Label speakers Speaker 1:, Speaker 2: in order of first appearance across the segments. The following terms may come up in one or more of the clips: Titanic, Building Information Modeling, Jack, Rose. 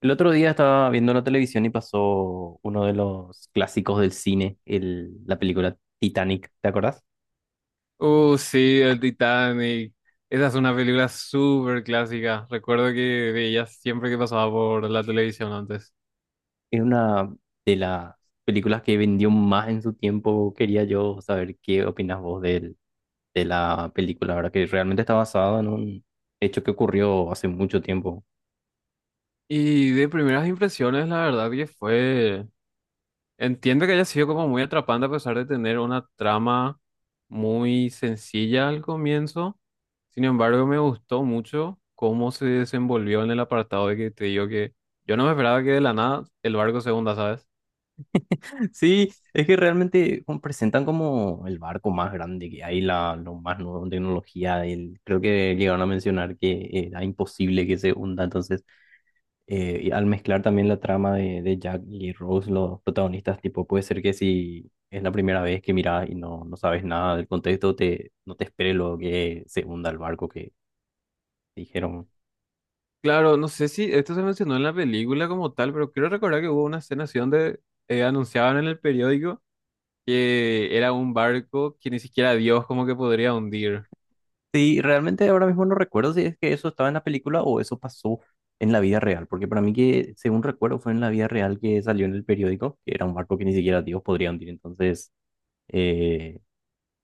Speaker 1: El otro día estaba viendo la televisión y pasó uno de los clásicos del cine, la película Titanic, ¿te acordás?
Speaker 2: Sí, el Titanic. Esa es una película súper clásica. Recuerdo que veía siempre que pasaba por la televisión antes.
Speaker 1: Es una de las películas que vendió más en su tiempo. Quería yo saber qué opinas vos de la película, ¿verdad? Que realmente está basada en un hecho que ocurrió hace mucho tiempo.
Speaker 2: Y de primeras impresiones, la verdad que fue... Entiendo que haya sido como muy atrapante a pesar de tener una trama muy sencilla al comienzo. Sin embargo, me gustó mucho cómo se desenvolvió en el apartado de que te digo que yo no me esperaba que de la nada el barco se hunda, ¿sabes?
Speaker 1: Sí, es que realmente como presentan como el barco más grande que hay, lo más nuevo en tecnología. Creo que llegaron a mencionar que era imposible que se hunda, entonces... Y al mezclar también la trama de Jack y Rose, los protagonistas, tipo, puede ser que si es la primera vez que miras y no sabes nada del contexto, no te espere lo que se hunda el barco que dijeron.
Speaker 2: Claro, no sé si esto se mencionó en la película como tal, pero quiero recordar que hubo una escena así donde anunciaban en el periódico que era un barco que ni siquiera Dios como que podría hundir.
Speaker 1: Sí, realmente ahora mismo no recuerdo si es que eso estaba en la película o eso pasó en la vida real, porque para mí que, según recuerdo, fue en la vida real que salió en el periódico, que era un barco que ni siquiera Dios podría hundir. Entonces, eh,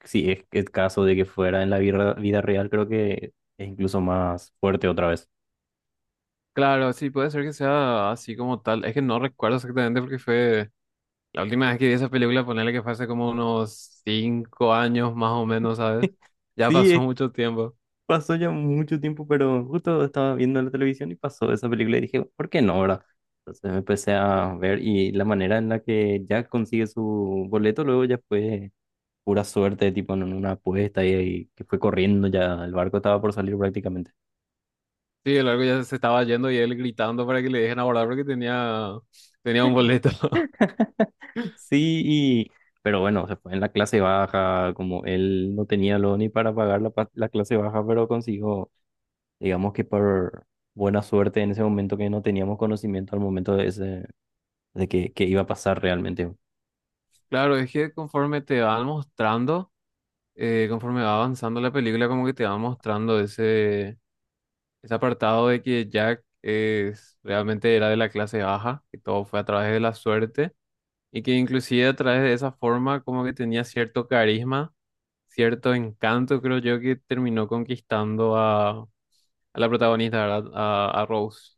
Speaker 1: si es el caso de que fuera en la vida vida real, creo que es incluso más fuerte otra vez.
Speaker 2: Claro, sí, puede ser que sea así como tal. Es que no recuerdo exactamente porque fue la última vez que vi esa película, ponerle que fue hace como unos 5 años más o menos, ¿sabes? Ya
Speaker 1: Sí,
Speaker 2: pasó
Speaker 1: es-
Speaker 2: mucho tiempo.
Speaker 1: Pasó ya mucho tiempo, pero justo estaba viendo la televisión y pasó esa película y dije, ¿por qué no, verdad? Entonces me empecé a ver, y la manera en la que Jack consigue su boleto luego ya fue pura suerte, tipo en una apuesta y que fue corriendo ya, el barco estaba por salir prácticamente.
Speaker 2: Sí, el barco ya se estaba yendo y él gritando para que le dejen abordar porque tenía un boleto.
Speaker 1: Sí, y, pero bueno, se fue en la clase baja, como él no tenía lo ni para pagar la clase baja, pero consiguió, digamos que por buena suerte en ese momento que no teníamos conocimiento al momento de que iba a pasar realmente.
Speaker 2: Claro, es que conforme te van mostrando, conforme va avanzando la película, como que te va mostrando ese apartado de que Jack es, realmente era de la clase baja, que todo fue a través de la suerte, y que inclusive a través de esa forma como que tenía cierto carisma, cierto encanto, creo yo, que terminó conquistando a la protagonista, ¿verdad? A Rose.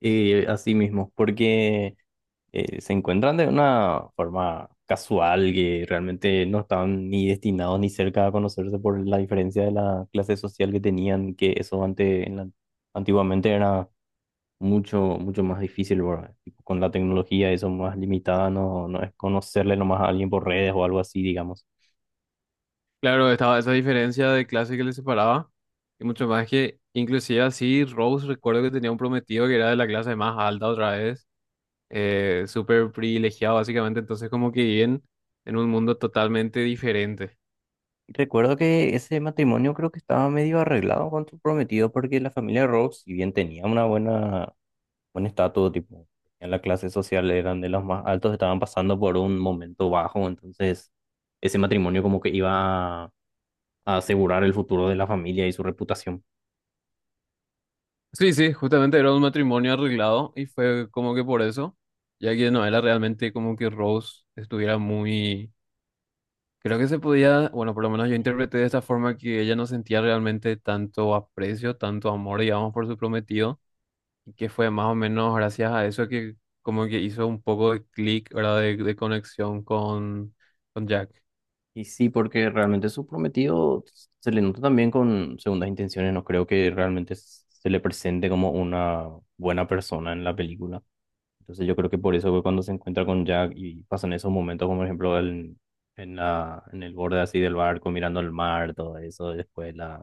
Speaker 1: Así mismo, porque se encuentran de una forma casual que realmente no estaban ni destinados ni cerca a conocerse por la diferencia de la clase social que tenían, que eso antes, antiguamente era mucho, mucho más difícil, ¿verdad? Tipo, con la tecnología eso más limitada, no es conocerle nomás a alguien por redes o algo así, digamos.
Speaker 2: Claro, estaba esa diferencia de clase que le separaba, y mucho más que, inclusive así, Rose recuerdo que tenía un prometido que era de la clase más alta otra vez, súper privilegiado básicamente, entonces como que viven en un mundo totalmente diferente.
Speaker 1: Recuerdo que ese matrimonio creo que estaba medio arreglado con su prometido porque la familia Rhodes, si bien tenía una buena... Bueno, estaba todo tipo. En la clase social eran de los más altos, estaban pasando por un momento bajo, entonces ese matrimonio como que iba a asegurar el futuro de la familia y su reputación.
Speaker 2: Sí, sí, justamente era un matrimonio arreglado y fue como que por eso, ya que no era realmente como que Rose estuviera muy... Creo que se podía, bueno, por lo menos yo interpreté de esta forma que ella no sentía realmente tanto aprecio, tanto amor, digamos, por su prometido, y que fue más o menos gracias a eso que como que hizo un poco de clic, ¿verdad? De conexión con Jack.
Speaker 1: Y sí, porque realmente su prometido se le nota también con segundas intenciones, no creo que realmente se le presente como una buena persona en la película. Entonces yo creo que por eso que cuando se encuentra con Jack y pasan esos momentos, como por ejemplo en en el borde así del barco mirando el mar, todo eso, después la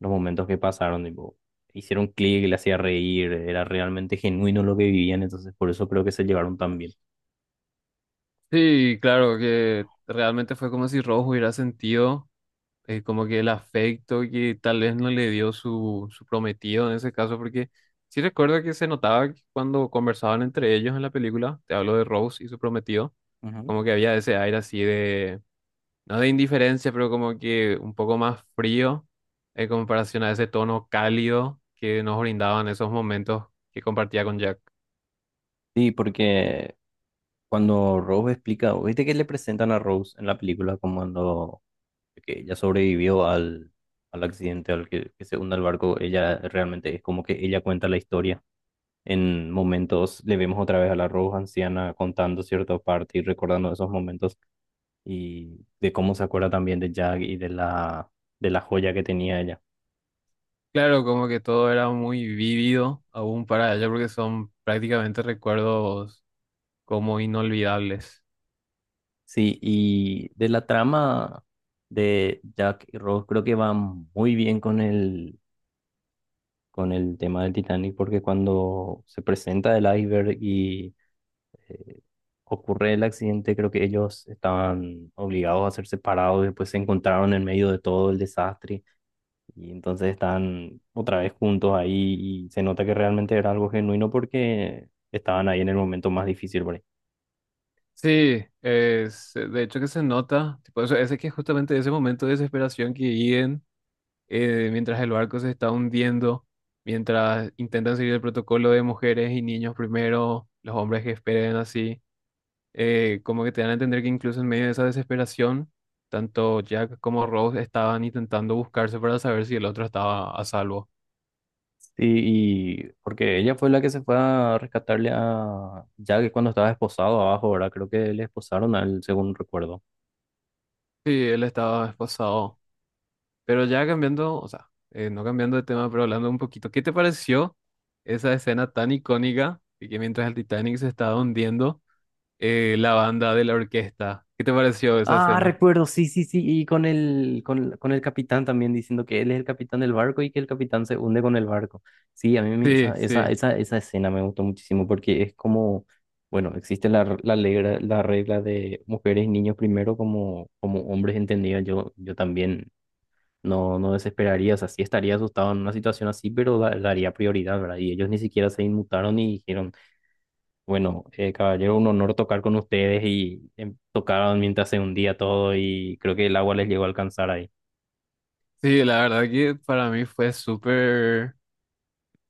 Speaker 1: los momentos que pasaron, tipo, hicieron clic, le hacía reír, era realmente genuino lo que vivían, entonces por eso creo que se llevaron tan bien.
Speaker 2: Sí, claro, que realmente fue como si Rojo hubiera sentido, como que el afecto que tal vez no le dio su prometido en ese caso, porque sí recuerdo que se notaba que cuando conversaban entre ellos en la película, te hablo de Rose y su prometido,
Speaker 1: Ujú.
Speaker 2: como que había ese aire así de, no de indiferencia, pero como que un poco más frío en comparación a ese tono cálido que nos brindaban esos momentos que compartía con Jack.
Speaker 1: Sí, porque cuando Rose explica, viste que le presentan a Rose en la película como cuando que ella sobrevivió al accidente, que se hunda el barco, ella realmente es como que ella cuenta la historia. En momentos le vemos otra vez a la Rose anciana contando cierta parte y recordando esos momentos, y de cómo se acuerda también de Jack y de la joya que tenía ella.
Speaker 2: Claro, como que todo era muy vívido aún para ella porque son prácticamente recuerdos como inolvidables.
Speaker 1: Sí, y de la trama de Jack y Rose creo que va muy bien con con el tema del Titanic porque cuando se presenta el iceberg y eh, ocurre el accidente, creo que ellos estaban obligados a ser separados, después se encontraron en medio de todo el desastre. Y entonces están otra vez juntos ahí y se nota que realmente era algo genuino porque estaban ahí en el momento más difícil por ahí.
Speaker 2: Sí, es, de hecho que se nota, tipo, ese que justamente ese momento de desesperación que viven, mientras el barco se está hundiendo, mientras intentan seguir el protocolo de mujeres y niños primero, los hombres que esperen así, como que te dan a entender que incluso en medio de esa desesperación, tanto Jack como Rose estaban intentando buscarse para saber si el otro estaba a salvo.
Speaker 1: Sí, y porque ella fue la que se fue a rescatarle a Jack cuando estaba esposado abajo, ¿verdad? Creo que le esposaron a él, según recuerdo.
Speaker 2: Sí, él estaba esposado. Pero ya cambiando, o sea, no cambiando de tema, pero hablando un poquito, ¿qué te pareció esa escena tan icónica y que mientras el Titanic se estaba hundiendo, la banda de la orquesta? ¿Qué te pareció esa
Speaker 1: Ah,
Speaker 2: escena?
Speaker 1: recuerdo, sí, sí, sí, y con el capitán también diciendo que él es el capitán del barco y que el capitán se hunde con el barco. Sí,
Speaker 2: Sí, sí,
Speaker 1: esa escena me gustó muchísimo porque es como, bueno, existe regla, la regla de mujeres y niños primero como, como hombres entendidos. Yo también no desesperaría, o sea, sí estaría asustado en una situación así, pero daría prioridad, ¿verdad? Y ellos ni siquiera se inmutaron y dijeron... Bueno, caballero, un honor tocar con ustedes, y tocaron mientras se hundía todo y creo que el agua les llegó a alcanzar ahí.
Speaker 2: sí, la verdad que para mí fue súper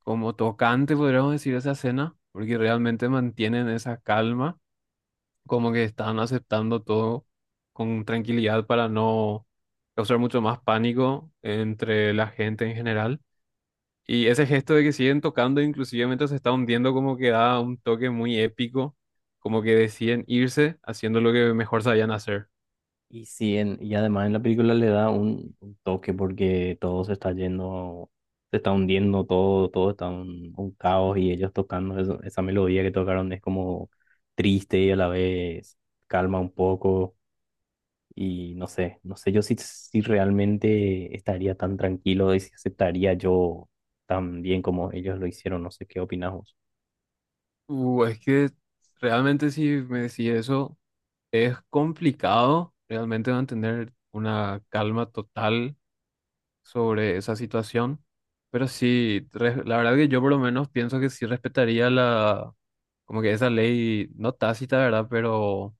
Speaker 2: como tocante, podríamos decir, esa escena, porque realmente mantienen esa calma, como que están aceptando todo con tranquilidad para no causar mucho más pánico entre la gente en general. Y ese gesto de que siguen tocando, inclusive mientras se está hundiendo, como que da un toque muy épico, como que deciden irse haciendo lo que mejor sabían hacer.
Speaker 1: Y sí, y además en la película le da un toque porque todo se está yendo, se está hundiendo todo, todo está un caos y ellos tocando esa melodía que tocaron es como triste y a la vez calma un poco, y no sé, no sé yo si realmente estaría tan tranquilo y si aceptaría yo tan bien como ellos lo hicieron, no sé qué opinas vos.
Speaker 2: Es que realmente si me decís eso, es complicado realmente mantener una calma total sobre esa situación, pero sí, la verdad que yo por lo menos pienso que sí respetaría la, como que esa ley, no tácita, ¿verdad? Pero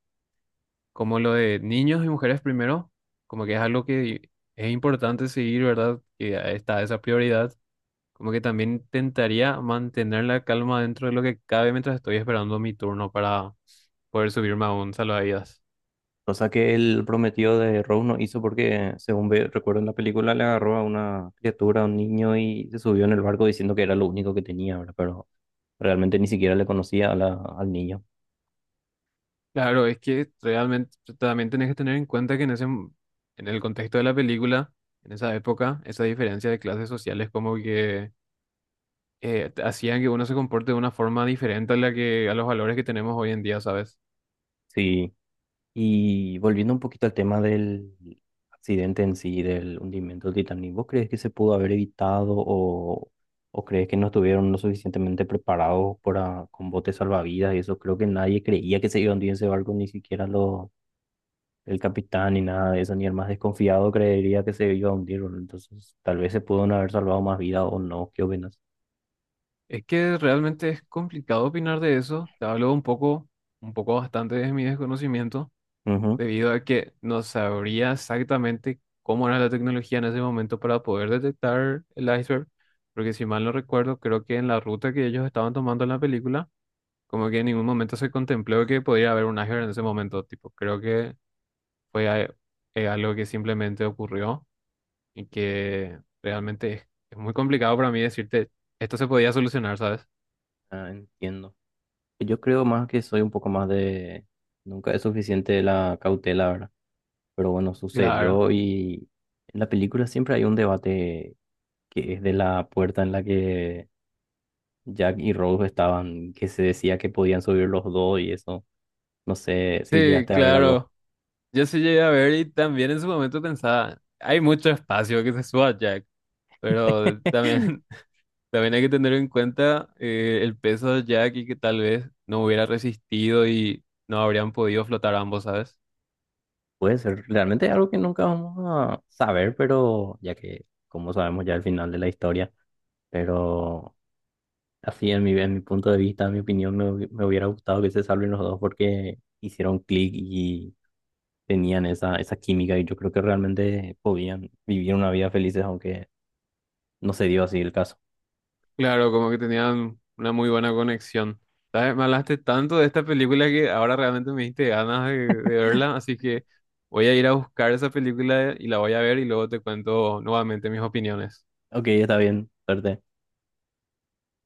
Speaker 2: como lo de niños y mujeres primero, como que es algo que es importante seguir, ¿verdad? Que ahí está esa prioridad, como que también intentaría mantener la calma dentro de lo que cabe mientras estoy esperando mi turno para poder subirme a un salvavidas.
Speaker 1: Cosa que el prometido de Rose no hizo porque, según recuerdo en la película, le agarró a una criatura, a un niño, y se subió en el barco diciendo que era lo único que tenía, ¿verdad? Pero realmente ni siquiera le conocía a al niño.
Speaker 2: Claro, es que realmente también tenés que tener en cuenta que en ese, en el contexto de la película, en esa época, esa diferencia de clases sociales como que hacían que uno se comporte de una forma diferente a la que, a los valores que tenemos hoy en día, ¿sabes?
Speaker 1: Sí. Y volviendo un poquito al tema del accidente en sí, del hundimiento del Titanic, ¿vos crees que se pudo haber evitado o crees que no estuvieron lo suficientemente preparados para, con botes salvavidas y eso? Creo que nadie creía que se iba a hundir ese barco, ni siquiera los el capitán ni nada de eso, ni el más desconfiado creería que se iba a hundir, boludo. Entonces, tal vez se pudo no haber salvado más vida o no, ¿qué opinas?
Speaker 2: Es que realmente es complicado opinar de eso. Te hablo un poco bastante de mi desconocimiento,
Speaker 1: Ujú.
Speaker 2: debido a que no sabría exactamente cómo era la tecnología en ese momento para poder detectar el iceberg, porque si mal no recuerdo, creo que en la ruta que ellos estaban tomando en la película, como que en ningún momento se contempló que podría haber un iceberg en ese momento, tipo, creo que fue a- algo que simplemente ocurrió y que realmente es muy complicado para mí decirte, esto se podía solucionar, ¿sabes?
Speaker 1: Ah, entiendo. Yo creo más que soy un poco más de... Nunca es suficiente la cautela, ¿verdad? Pero bueno,
Speaker 2: Claro.
Speaker 1: sucedió, y en la película siempre hay un debate que es de la puerta en la que Jack y Rose estaban, que se decía que podían subir los dos y eso. No sé si
Speaker 2: Sí,
Speaker 1: llegaste a ver algo.
Speaker 2: claro. Yo sí llegué a ver y también en su momento pensaba, hay mucho espacio que se suba ya. Pero también, también hay que tener en cuenta, el peso de Jack y que tal vez no hubiera resistido y no habrían podido flotar ambos, ¿sabes?
Speaker 1: Puede ser realmente algo que nunca vamos a saber, pero ya que, como sabemos ya el final de la historia, pero así en en mi punto de vista, en mi opinión, me hubiera gustado que se salven los dos porque hicieron clic y tenían esa química, y yo creo que realmente podían vivir una vida felices, aunque no se dio así el caso.
Speaker 2: Claro, como que tenían una muy buena conexión. ¿Sabes? Me hablaste tanto de esta película que ahora realmente me diste ganas de verla, así que voy a ir a buscar esa película y la voy a ver y luego te cuento nuevamente mis opiniones.
Speaker 1: Ok, está bien, suerte.